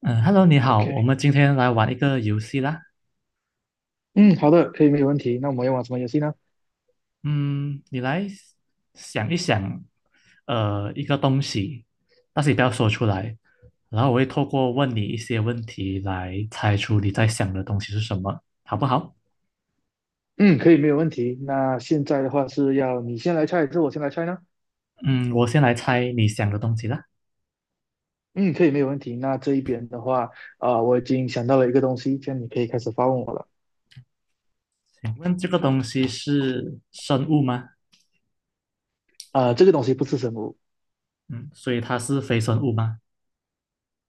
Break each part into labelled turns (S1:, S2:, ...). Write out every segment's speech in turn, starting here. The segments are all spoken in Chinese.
S1: 嗯，Hello，你好，
S2: OK，
S1: 我们今天来玩一个游戏啦。
S2: 嗯，好的，可以，没有问题。那我们要玩什么游戏呢？
S1: 嗯，你来想一想，一个东西，但是你不要说出来，然后我会透过问你一些问题来猜出你在想的东西是什么，好不好？
S2: 嗯，可以，没有问题。那现在的话是要你先来猜，还是我先来猜呢？
S1: 嗯，我先来猜你想的东西啦。
S2: 嗯，可以，没有问题。那这一边的话，我已经想到了一个东西，这样你可以开始发问我了。
S1: 请问这个东西是生物吗？
S2: 这个东西不是什么。
S1: 嗯，所以它是非生物吗？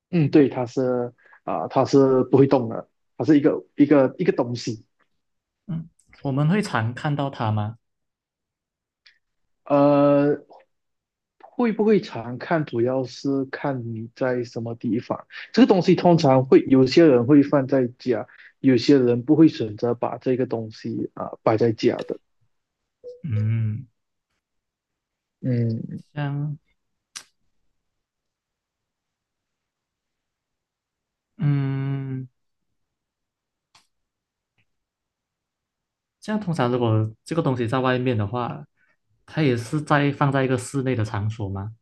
S2: 嗯，对，它是。它是不会动的，它是一个东西。
S1: 嗯，我们会常看到它吗？
S2: 呃，会不会常看，主要是看你在什么地方。这个东西通常会有些人会放在家，有些人不会选择把这个东西摆在家的。
S1: 嗯，
S2: 嗯。
S1: 像，嗯。这样通常如果这个东西在外面的话，它也是在放在一个室内的场所吗？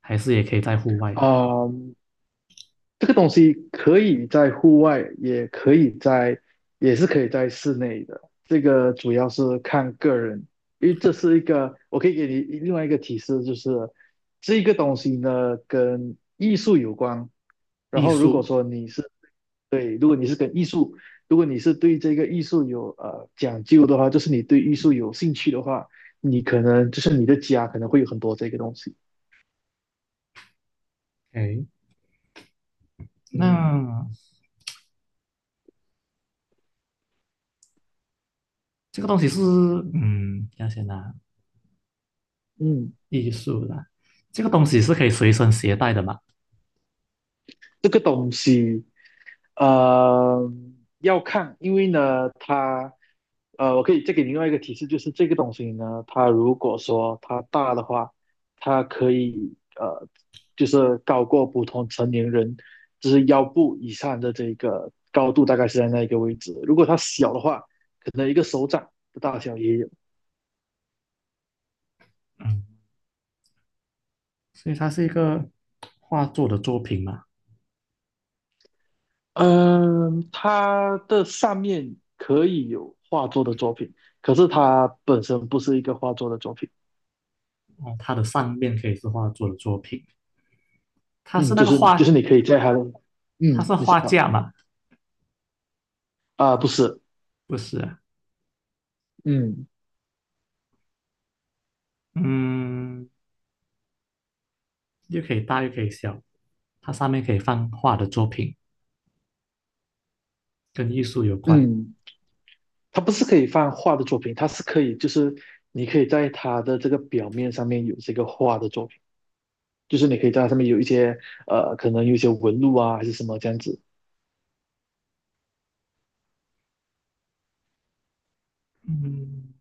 S1: 还是也可以在户外？
S2: 啊、这个东西可以在户外，也可以在，也是可以在室内的。这个主要是看个人，因为这是一个，我可以给你另外一个提示，就是这个东西呢跟艺术有关。然
S1: 艺
S2: 后如果
S1: 术，
S2: 说你是对，如果你是对这个艺术有讲究的话，就是你对艺术有兴趣的话，你可能就是你的家可能会有很多这个东西。
S1: 哎，
S2: 嗯。
S1: 那这个东西是，嗯，要先拿
S2: 嗯，
S1: 艺术啦，这个东西是可以随身携带的嘛？
S2: 这个东西呃，要看，因为呢，我可以再给你另外一个提示，就是这个东西呢，它如果说它大的话，它可以就是高过普通成年人，就是腰部以上的这个高度，大概是在那一个位置。如果它小的话，可能一个手掌的大小也有。
S1: 嗯，所以它是一个画作的作品嘛。
S2: 嗯，它的上面可以有画作的作品，可是它本身不是一个画作的作品。
S1: 哦，它的上面可以是画作的作品，它是
S2: 嗯，
S1: 那
S2: 就
S1: 个
S2: 是就
S1: 画，
S2: 是你可以在它的，嗯，
S1: 它是
S2: 你知
S1: 画
S2: 道。
S1: 架嘛？
S2: 啊，不是。
S1: 不是啊，
S2: 嗯。
S1: 嗯，又可以大又可以小，它上面可以放画的作品。跟艺术有关。
S2: 嗯，它不是可以放画的作品，它是可以，就是你可以在它的这个表面上面有这个画的作品，就是你可以在它上面有一些可能有一些纹路啊，还是什么这样子。
S1: 嗯，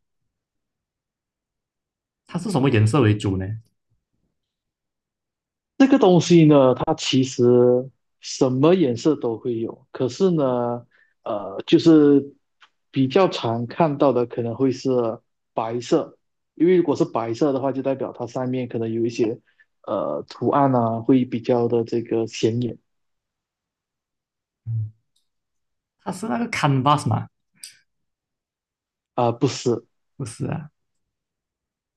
S1: 它是什么颜色为主呢？
S2: 这个东西呢，它其实什么颜色都会有，可是呢，就是比较常看到的可能会是白色，因为如果是白色的话，就代表它上面可能有一些图案啊，会比较的这个显眼。
S1: 嗯，它是那个 canvas 嘛？
S2: 不是，
S1: 不是啊，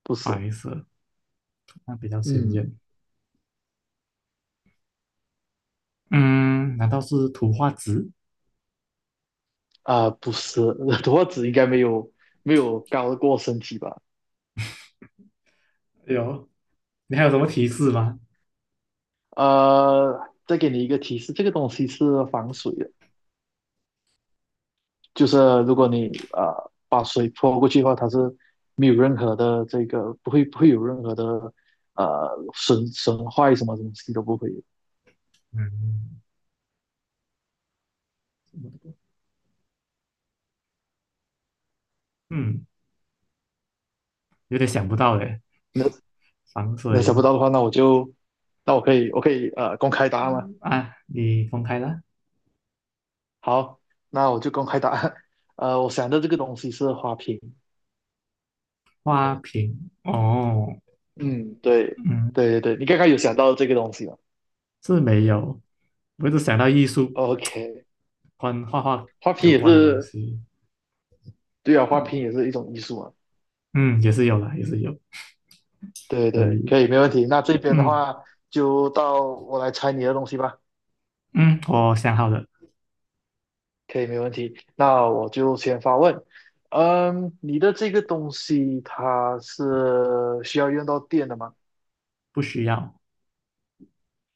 S2: 不是。
S1: 白色，那比较鲜
S2: 嗯。
S1: 艳。嗯，难道是图画纸？
S2: 不是。多子应该没有高过身体吧？
S1: 有，你还有什么提示吗？
S2: 呃，再给你一个提示，这个东西是防水的。就是如果你把水泼过去的话，它是没有任何的这个不会有任何的呃损坏什么东西都不会有。
S1: 嗯嗯，有点想不到诶。
S2: 那
S1: 防
S2: 那想
S1: 水
S2: 不到的话，那我可以公开答案了。
S1: 啊，你公开了
S2: 好，那我就公开答案。我想到这个东西是花瓶。
S1: 花瓶哦，
S2: 嗯，对。
S1: 嗯，
S2: 对对对，你刚刚有想到这个东西吗
S1: 是没有。我一直想到艺术
S2: ？OK,
S1: 关画画
S2: 花瓶
S1: 有
S2: 也
S1: 关的东
S2: 是
S1: 西，
S2: 对啊，花
S1: 嗯
S2: 瓶也是一种艺术嘛。
S1: 嗯，也是有啦，也是有，
S2: 对
S1: 可
S2: 对，
S1: 以，
S2: 可以，没问题。那这边的
S1: 嗯。
S2: 话，就到我来猜你的东西吧。
S1: 嗯，我想好了，
S2: 可以，没问题。那我就先发问。嗯，你的这个东西它是需要用到电的吗？
S1: 不需要。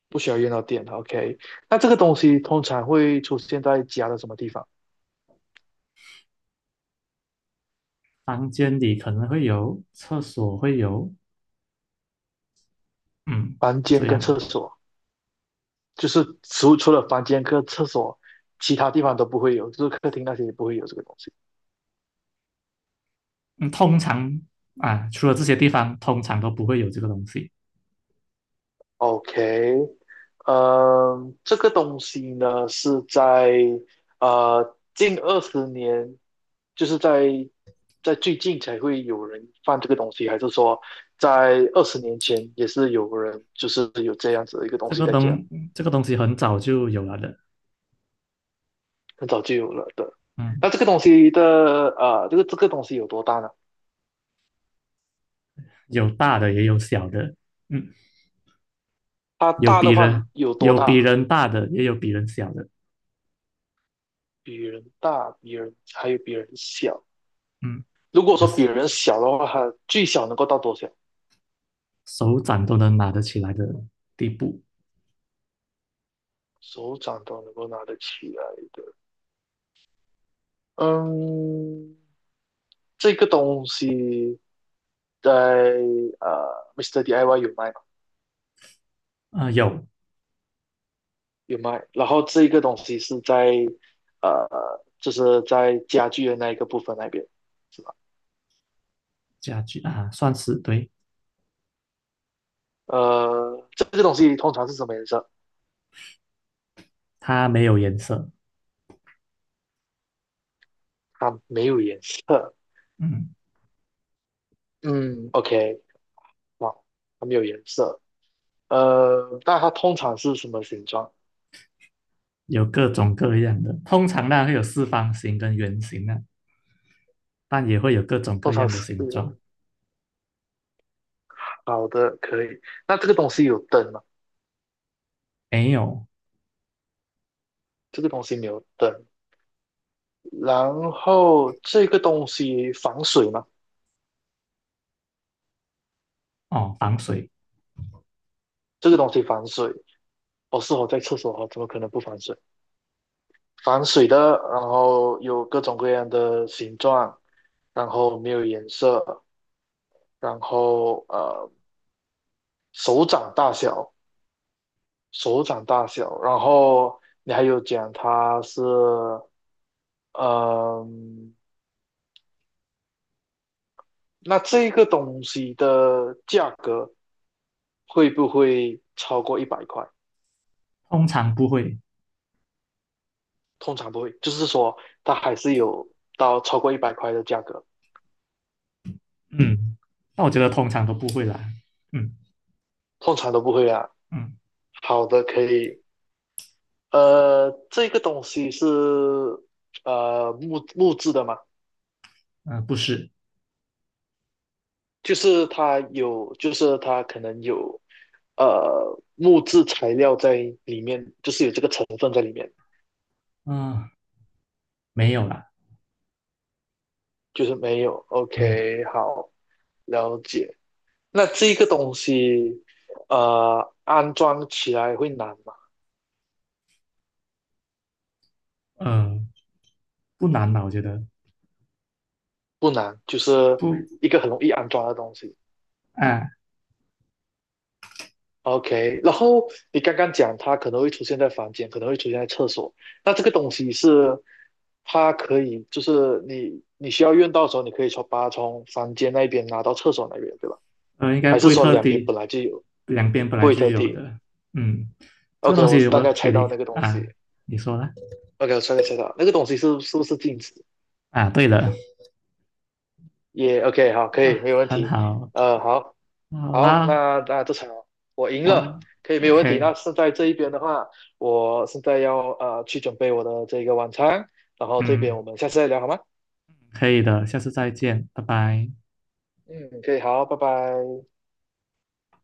S2: 不需要用到电的， OK,那这个东西通常会出现在家的什么地方？
S1: 房间里可能会有，厕所会有，嗯，
S2: 房间
S1: 这
S2: 跟
S1: 样。
S2: 厕所，就是除了房间跟厕所，其他地方都不会有，就是客厅那些也不会有这个东西。
S1: 嗯，通常啊，除了这些地方，通常都不会有这个东西。
S2: OK,这个东西呢是在近20年，就是在最近才会有人放这个东西，还是说在20年前也是有人就是有这样子的一个东
S1: 这
S2: 西
S1: 个
S2: 在家，
S1: 东这个东西很早就有了的，
S2: 很早就有了的。
S1: 嗯，
S2: 那这个东西的呃，这个东西有多大呢？
S1: 有大的也有小的，嗯，
S2: 它
S1: 有
S2: 大
S1: 比
S2: 的话
S1: 人
S2: 有多
S1: 有比
S2: 大？
S1: 人大的，也有比人小的，
S2: 比人大，比人，还有比人小。
S1: 嗯，
S2: 如果
S1: 有
S2: 说比
S1: 是
S2: 人小的话，它最小能够到多小？
S1: 手掌都能拿得起来的地步。
S2: 手掌都能够拿得起来的。嗯，这个东西在Mr. i s t e DIY 有卖。
S1: 啊、有
S2: 有卖。然后这一个东西是在呃，就是在家具的那一个部分那边，是吧？
S1: 家具啊，算是对，
S2: 这个东西通常是什么颜色？
S1: 它没有颜色，
S2: 它没有颜色。
S1: 嗯。
S2: 嗯，OK,哇，它没有颜色。那它通常是什么形状？
S1: 有各种各样的，通常呢会有四方形跟圆形啊，但也会有各种
S2: 通
S1: 各
S2: 常
S1: 样的
S2: 是
S1: 形状。
S2: 好的，可以。那这个东西有灯吗？
S1: 没有
S2: 这个东西没有灯。然后这个东西防水吗？
S1: 哦，防水
S2: 这个东西防水。我是我在厕所啊，我怎么可能不防水？防水的，然后有各种各样的形状，然后没有颜色，然后手掌大小，手掌大小，然后你还有讲它是。嗯、那这个东西的价格会不会超过一百块？
S1: 通常不会，
S2: 通常不会，就是说它还是有到超过一百块的价格，
S1: 嗯，那我觉得通常都不会啦，嗯
S2: 通常都不会啊。
S1: 嗯
S2: 好的，可以。这个东西是木质的嘛，
S1: 嗯、不是，
S2: 就是它有，就是它可能有木质材料在里面，就是有这个成分在里面，
S1: 嗯、没有啦，
S2: 就是没有。
S1: 嗯
S2: OK,好，了解。那这个东西安装起来会难吗？
S1: 呃，不难吧？我觉得
S2: 不难，就是
S1: 不
S2: 一个很容易安装的东西。
S1: 啊，
S2: OK,然后你刚刚讲它可能会出现在房间，可能会出现在厕所。那这个东西是它可以，就是你需要用到的时候，你可以把它从房间那边拿到厕所那边，对吧？
S1: 应该
S2: 还
S1: 不
S2: 是
S1: 会
S2: 说
S1: 特
S2: 两边
S1: 地，
S2: 本来就有，
S1: 两边本
S2: 不
S1: 来
S2: 会
S1: 就
S2: 特
S1: 有
S2: 地
S1: 的，嗯，这个
S2: ？OK,
S1: 东
S2: 我
S1: 西
S2: 大
S1: 我
S2: 概
S1: 给
S2: 猜到
S1: 你
S2: 那个东
S1: 啊，
S2: 西。
S1: 你说啦，
S2: OK,我大概猜到那个东西是不是镜子？
S1: 啊，对了
S2: 也 OK,好，可以，
S1: 啊，
S2: 没有问
S1: 很
S2: 题。
S1: 好，
S2: 好，
S1: 好
S2: 好，
S1: 啦，
S2: 那这场我赢
S1: 哦
S2: 了，可以没有问题。
S1: ，OK，
S2: 那现在这一边的话，我现在要去准备我的这个晚餐，然后这边
S1: 嗯，
S2: 我们下次再聊好吗？
S1: 可以的，下次再见，拜拜。
S2: 嗯，可以，好，拜拜。